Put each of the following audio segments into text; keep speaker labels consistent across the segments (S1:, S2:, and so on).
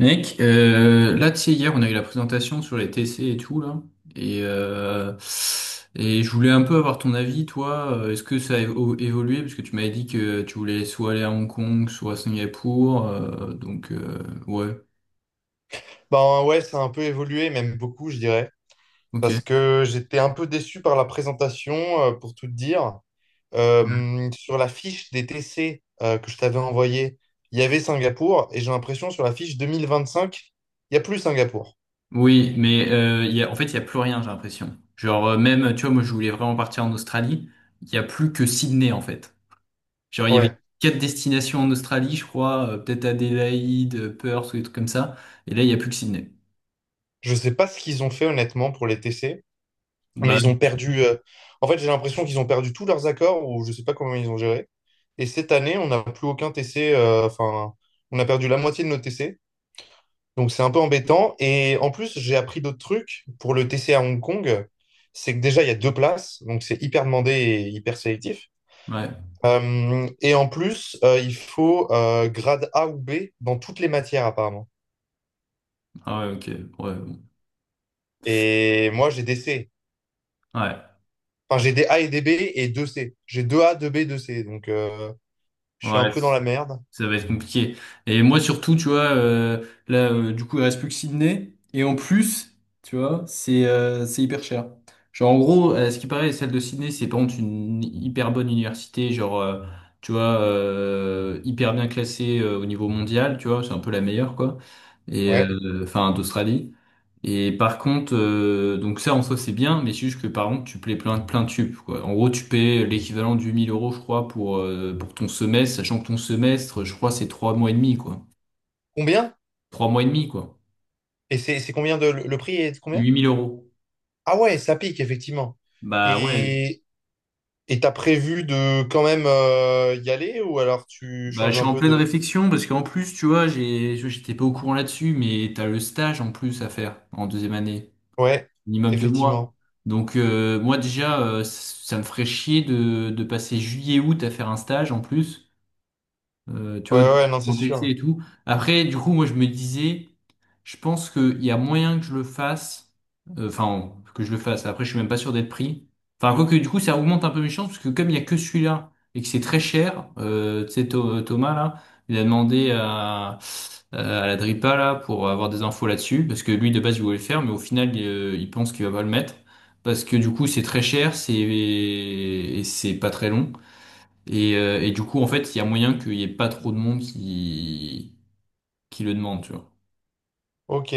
S1: Mec, là, tu sais, hier, on a eu la présentation sur les TC et tout, là. Et, euh, et je voulais un peu avoir ton avis, toi. Est-ce que ça a évolué? Parce que tu m'avais dit que tu voulais soit aller à Hong Kong, soit à Singapour. Donc, ouais,
S2: Ben ouais, ça a un peu évolué, même beaucoup, je dirais, parce
S1: ok.
S2: que j'étais un peu déçu par la présentation, pour tout te dire. Sur la fiche des TC que je t'avais envoyée, il y avait Singapour, et j'ai l'impression sur la fiche 2025, il n'y a plus Singapour.
S1: Oui, mais il y a, en fait, il y a plus rien, j'ai l'impression. Genre, même, tu vois, moi, je voulais vraiment partir en Australie. Il y a plus que Sydney, en fait. Genre, il y avait
S2: Ouais.
S1: quatre destinations en Australie, je crois. Peut-être Adélaïde, Perth ou des trucs comme ça. Et là, il y a plus que Sydney.
S2: Je sais pas ce qu'ils ont fait honnêtement pour les TC, mais
S1: Bah,
S2: ils ont perdu. En fait, j'ai l'impression qu'ils ont perdu tous leurs accords, ou je sais pas comment ils ont géré. Et cette année, on n'a plus aucun TC, enfin, on a perdu la moitié de nos TC. Donc c'est un peu embêtant. Et en plus, j'ai appris d'autres trucs pour le TC à Hong Kong. C'est que déjà, il y a deux places, donc c'est hyper demandé et hyper sélectif.
S1: ouais,
S2: Et en plus, il faut grade A ou B dans toutes les matières apparemment.
S1: ah ouais, ok, ouais, bon.
S2: Et moi, j'ai des C.
S1: Ouais,
S2: Enfin, j'ai des A et des B et deux C. J'ai deux A, deux B, deux C. Donc je suis un
S1: ouais,
S2: peu dans la merde.
S1: ça va être compliqué. Et moi surtout, tu vois, là, du coup, il reste plus que Sydney, et en plus, tu vois, c'est hyper cher. Genre, en gros, ce qui paraît, celle de Sydney, c'est par contre une hyper bonne université, genre, tu vois, hyper bien classée au niveau mondial, tu vois, c'est un peu la meilleure, quoi, et
S2: Ouais.
S1: euh, enfin, d'Australie. Et par contre, donc ça en soi c'est bien, mais c'est juste que par contre tu payes plein, plein de tubes, quoi. En gros, tu payes l'équivalent du 1000 euros, je crois, pour ton semestre, sachant que ton semestre, je crois, c'est 3 mois et demi, quoi.
S2: Combien?
S1: 3 mois et demi, quoi.
S2: Et c'est combien le prix est de combien?
S1: 8000 euros.
S2: Ah ouais, ça pique effectivement.
S1: Bah ouais,
S2: Et t'as prévu de quand même y aller ou alors tu
S1: bah je
S2: changes
S1: suis
S2: un
S1: en
S2: peu
S1: pleine
S2: de...
S1: réflexion, parce qu'en plus, tu vois, j'étais pas au courant là-dessus, mais t'as le stage en plus à faire en deuxième année,
S2: Ouais,
S1: minimum 2 mois.
S2: effectivement.
S1: Donc moi déjà, ça me ferait chier de passer juillet-août à faire un stage en plus. Tu
S2: Ouais,
S1: vois, de
S2: ouais, non, c'est
S1: mon TC
S2: sûr.
S1: et tout. Après, du coup, moi, je me disais, je pense qu'il y a moyen que je le fasse, enfin, que je le fasse. Après, je suis même pas sûr d'être pris. Enfin, quoique, du coup, ça augmente un peu mes chances, parce que comme il y a que celui-là, et que c'est très cher, tu sais, Thomas, là, il a demandé à la Dripa, là, pour avoir des infos là-dessus, parce que lui, de base, il voulait le faire, mais au final, il pense qu'il va pas le mettre. Parce que du coup c'est très cher, c'est et c'est pas très long. Et du coup, en fait, il y a moyen qu'il y ait pas trop de monde qui le demande, tu vois.
S2: Ok.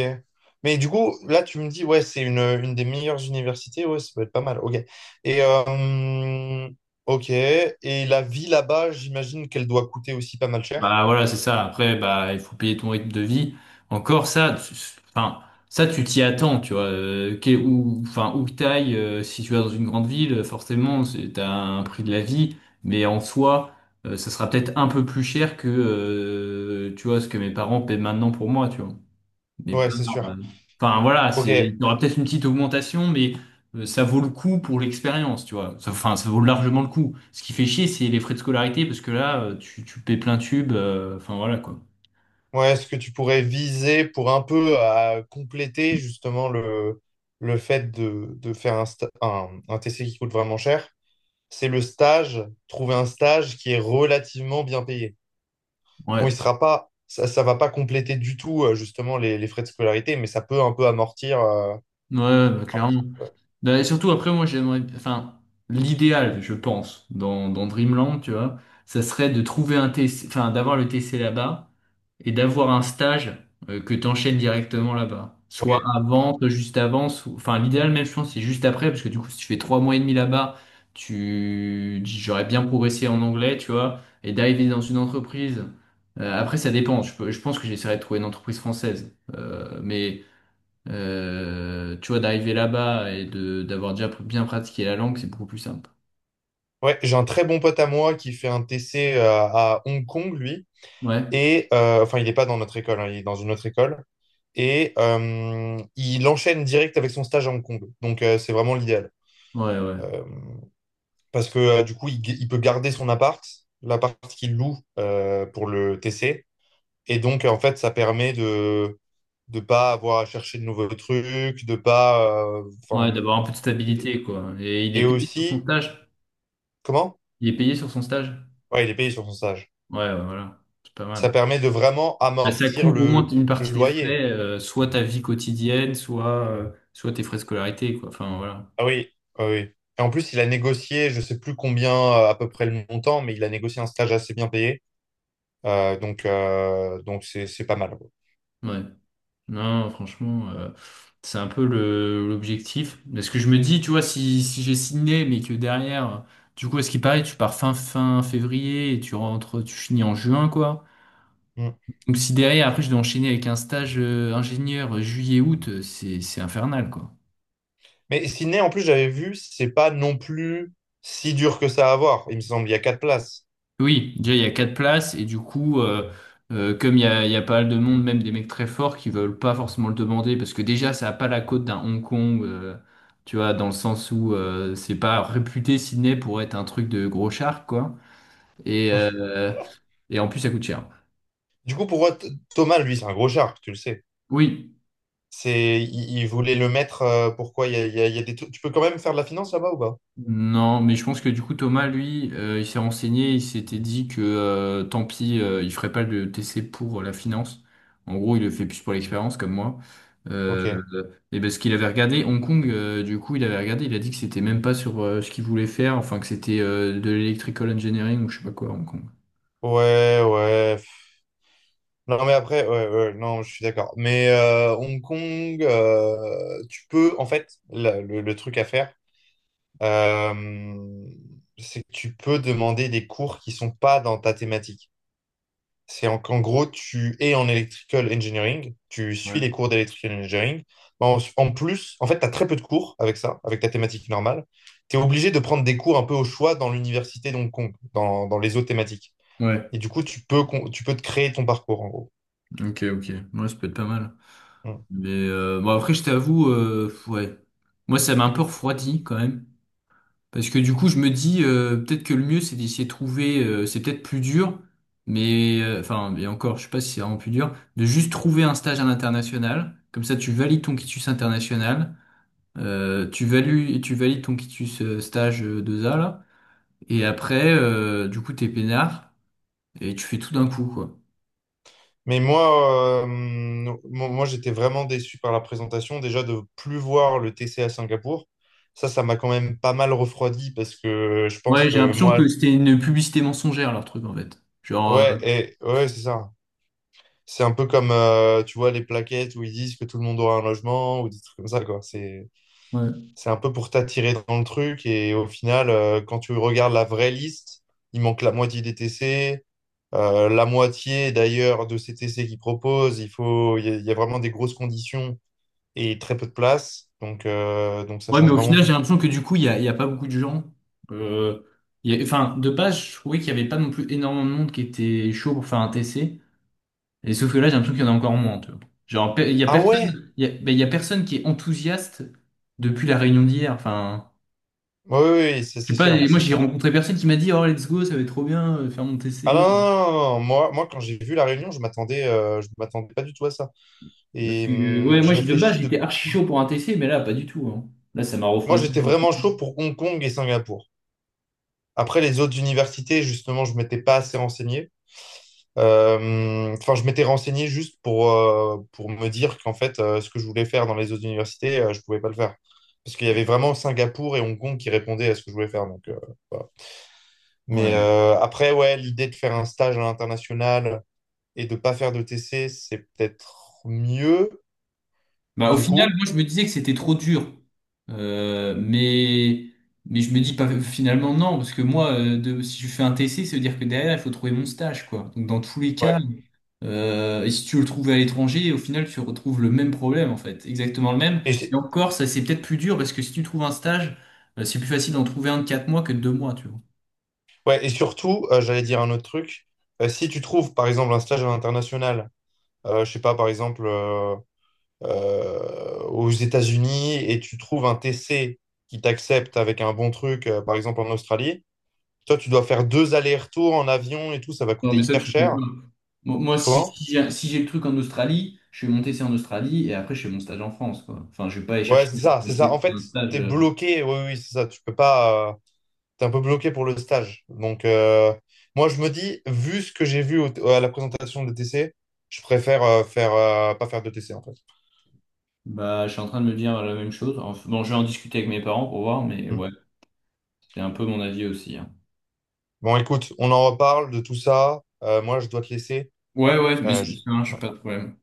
S2: Mais du coup, là, tu me dis, ouais, une des meilleures universités. Ouais, ça peut être pas mal. Ok. Et, ok. Et la vie là-bas, j'imagine qu'elle doit coûter aussi pas mal cher.
S1: Bah voilà, c'est ça. Après, bah il faut payer ton rythme de vie. Encore ça, enfin ça tu t'y attends, tu vois. Où, enfin où que t'ailles, si tu vas dans une grande ville, forcément, c'est t'as un prix de la vie, mais en soi, ça sera peut-être un peu plus cher que tu vois ce que mes parents paient maintenant pour moi, tu vois. Mais pas.
S2: Ouais, c'est sûr.
S1: euh, Enfin voilà,
S2: Ok.
S1: c'est il y aura peut-être une petite augmentation, mais ça vaut le coup pour l'expérience, tu vois. Enfin, ça vaut largement le coup. Ce qui fait chier, c'est les frais de scolarité, parce que là, tu paies plein tube. Enfin voilà quoi.
S2: Ouais, est-ce que tu pourrais viser pour un peu à compléter justement le fait de faire un TC qui coûte vraiment cher? C'est le stage, trouver un stage qui est relativement bien payé. Bon, il
S1: Ouais,
S2: sera pas, ça va pas compléter du tout justement les frais de scolarité, mais ça peut un peu amortir.
S1: ouais, bah, clairement.
S2: Ouais.
S1: Bah, et surtout après, moi j'aimerais, enfin, l'idéal, je pense, dans Dreamland, tu vois, ça serait de trouver un TC, enfin, d'avoir le TC là-bas et d'avoir un stage que tu enchaînes directement là-bas. Soit
S2: Ouais,
S1: avant, soit juste avant, enfin l'idéal même je pense c'est juste après, parce que du coup si tu fais 3 mois et demi là-bas, tu j'aurais bien progressé en anglais, tu vois, et d'arriver dans une entreprise. Après ça dépend, je pense que j'essaierai de trouver une entreprise française. Mais tu vois, d'arriver là-bas et de d'avoir déjà bien pratiqué la langue, c'est beaucoup plus simple.
S2: ouais, j'ai un très bon pote à moi qui fait un TC à Hong Kong, lui.
S1: Ouais,
S2: Et enfin, il n'est pas dans notre école, hein, il est dans une autre école. Et il enchaîne direct avec son stage à Hong Kong. Donc c'est vraiment l'idéal.
S1: ouais, ouais.
S2: Euh, parce que du coup, il peut garder son appart, l'appart qu'il loue pour le TC. Et donc, en fait, ça permet de ne pas avoir à chercher de nouveaux trucs, de pas...
S1: Ouais, d'avoir un peu de
S2: et,
S1: stabilité, quoi. Et il
S2: et
S1: est payé sur son
S2: aussi,
S1: stage.
S2: comment?
S1: Il est payé sur son stage.
S2: Ouais, il est payé sur son stage.
S1: Ouais, ouais, voilà, c'est pas
S2: Ça
S1: mal.
S2: permet de vraiment
S1: Bah, ça
S2: amortir
S1: couvre au moins une
S2: le
S1: partie des
S2: loyer.
S1: frais, soit ta vie quotidienne, soit tes frais de scolarité, quoi. Enfin, voilà.
S2: Ah oui, ah oui. Et en plus, il a négocié, je sais plus combien à peu près le montant, mais il a négocié un stage assez bien payé. Donc c'est pas mal. Quoi.
S1: Ouais. Non, franchement, c'est un peu l'objectif. Parce que je me dis, tu vois, si j'ai signé, mais que derrière, du coup, à ce qui paraît, tu pars fin février et tu rentres, tu finis en juin, quoi.
S2: Mm.
S1: Donc, si derrière, après, je dois enchaîner avec un stage, ingénieur juillet-août, c'est infernal, quoi.
S2: Mais Sydney, en plus, j'avais vu, c'est pas non plus si dur que ça à avoir. Il me semble, il y a quatre places.
S1: Oui, déjà il y a quatre places et du coup, comme il y a pas mal de monde, même des mecs très forts qui veulent pas forcément le demander parce que déjà ça a pas la cote d'un Hong Kong, tu vois, dans le sens où c'est pas réputé Sydney pour être un truc de gros char quoi. Et,
S2: Ouais.
S1: euh, et en plus ça coûte cher.
S2: Du coup, pour moi, Thomas, lui, c'est un gros shark, tu le sais.
S1: Oui.
S2: Il voulait le mettre. Pourquoi il y a des trucs. Tu peux quand même faire de la finance là-bas ou pas?
S1: Non, mais je pense que du coup Thomas, lui, il s'est renseigné, il s'était dit que tant pis, il ferait pas le TC pour la finance. En gros, il le fait plus pour l'expérience, comme moi. Euh,
S2: Ok.
S1: et parce qu'il avait regardé Hong Kong, du coup, il avait regardé, il a dit que c'était même pas sur ce qu'il voulait faire, enfin que c'était de l'electrical engineering ou je sais pas quoi à Hong Kong.
S2: Ouais, ouais. Non, mais après, ouais, ouais, non, je suis d'accord. Mais Hong Kong, tu peux, en fait, le truc à faire, euh, c'est que tu peux demander des cours qui sont pas dans ta thématique. Qu'en gros, tu es en electrical engineering, tu suis
S1: Ouais.
S2: les cours d'electrical engineering. En plus, en fait, tu as très peu de cours avec ça, avec ta thématique normale. Tu es obligé de prendre des cours un peu au choix dans l'université d'Hong Kong, dans les autres thématiques.
S1: Ouais.
S2: Et du coup, tu peux te créer ton parcours, en gros.
S1: Ok, ok. Moi, ça peut être pas mal.
S2: Mm.
S1: Mais bon, après, je t'avoue, ouais. Moi, ça m'a un peu refroidi quand même. Parce que du coup, je me dis, peut-être que le mieux, c'est d'essayer de trouver, c'est peut-être plus dur, mais enfin, et encore, je sais pas si c'est vraiment plus dur, de juste trouver un stage à l'international. Comme ça, tu valides ton quitus international, tu valides ton quitus stage 2A, là, et après, du coup, t'es peinard, et tu fais tout d'un coup, quoi.
S2: Mais moi, moi, j'étais vraiment déçu par la présentation. Déjà, de plus voir le T C à Singapour, ça m'a quand même pas mal refroidi parce que je pense
S1: Ouais, j'ai
S2: que
S1: l'impression que
S2: moi,
S1: c'était une publicité mensongère, leur truc, en fait. Genre,
S2: ouais, et, ouais, c'est ça. C'est un peu comme, tu vois, les plaquettes où ils disent que tout le monde aura un logement ou des trucs comme ça, quoi.
S1: ouais.
S2: C'est un peu pour t'attirer dans le truc et au final, quand tu regardes la vraie liste, il manque la moitié des TC. La moitié d'ailleurs de ces T C qu'ils proposent, il faut, il y a vraiment des grosses conditions et très peu de place. Donc ça
S1: Ouais, mais
S2: change
S1: au
S2: vraiment
S1: final, j'ai
S2: tout.
S1: l'impression que du coup, il y a pas beaucoup de gens. Euh, enfin, de base, je trouvais qu'il y avait pas non plus énormément de monde qui était chaud pour faire un TC. Et sauf que là, j'ai l'impression qu'il y en a encore moins, tu vois. Genre, il y a
S2: Ah ouais?
S1: personne, ben, il y a personne qui est enthousiaste depuis la réunion d'hier. Enfin,
S2: Oui, oui, oui, c'est
S1: je
S2: c'est
S1: sais pas, et
S2: sûr,
S1: moi,
S2: c'est
S1: j'ai
S2: sûr.
S1: rencontré personne qui m'a dit, oh, let's go, ça va être trop bien, faire mon
S2: Ah non,
S1: TC.
S2: non, non, non, moi, moi, quand j'ai vu La Réunion, je m'attendais pas du tout à ça.
S1: Parce
S2: Et
S1: que, ouais, moi,
S2: je
S1: de base,
S2: réfléchis de...
S1: j'étais archi chaud pour un TC, mais là, pas du tout, hein. Là, ça m'a
S2: Moi,
S1: refroidi.
S2: j'étais vraiment chaud pour Hong Kong et Singapour. Après, les autres universités, justement, je m'étais pas assez renseigné. Enfin, je m'étais renseigné juste pour me dire qu'en fait, ce que je voulais faire dans les autres universités, je pouvais pas le faire. Parce qu'il y avait vraiment Singapour et Hong Kong qui répondaient à ce que je voulais faire. Donc, voilà. Mais
S1: Ouais.
S2: après, ouais, l'idée de faire un stage à l'international et de pas faire de TC, c'est peut-être mieux,
S1: Bah, au
S2: du
S1: final,
S2: coup.
S1: moi, je me disais que c'était trop dur. Euh, mais, mais je me dis pas, finalement, non, parce que moi, si je fais un TC, ça veut dire que derrière, il faut trouver mon stage, quoi. Donc, dans tous les cas,
S2: Ouais.
S1: et si tu veux le trouves à l'étranger, au final, tu retrouves le même problème, en fait. Exactement le même.
S2: Et,
S1: Et
S2: c'est-
S1: encore, ça, c'est peut-être plus dur, parce que si tu trouves un stage, c'est plus facile d'en trouver un de 4 mois que de 2 mois, tu vois.
S2: ouais, et surtout, j'allais dire un autre truc. Si tu trouves, par exemple, un stage à l'international, je sais pas, par exemple, aux États-Unis, et tu trouves un TC qui t'accepte avec un bon truc, par exemple en Australie, toi, tu dois faire deux allers-retours en avion et tout, ça va
S1: Non,
S2: coûter
S1: mais ça,
S2: hyper
S1: tu le fais pas.
S2: cher.
S1: Moi, si,
S2: Comment?
S1: si j'ai le truc en Australie, je vais monter ça en Australie et après, je fais mon stage en France, quoi. Enfin, je vais pas aller
S2: Ouais,
S1: chercher
S2: c'est ça,
S1: un
S2: c'est ça. En fait,
S1: un stage.
S2: t'es bloqué, oui, oui, c'est ça. Tu peux pas. T'es un peu bloqué pour le stage. Moi, je me dis, vu ce que j'ai vu à la présentation de T C je préfère pas faire de T C en fait.
S1: Bah, je suis en train de me dire la même chose. Enfin, bon, je vais en discuter avec mes parents pour voir, mais
S2: Hmm.
S1: ouais, c'est un peu mon avis aussi, hein.
S2: Bon, écoute, on en reparle de tout ça. Moi, je dois te laisser.
S1: Ouais, ouais, mais
S2: Euh,
S1: c'est
S2: je-
S1: ça marche, pas de problème.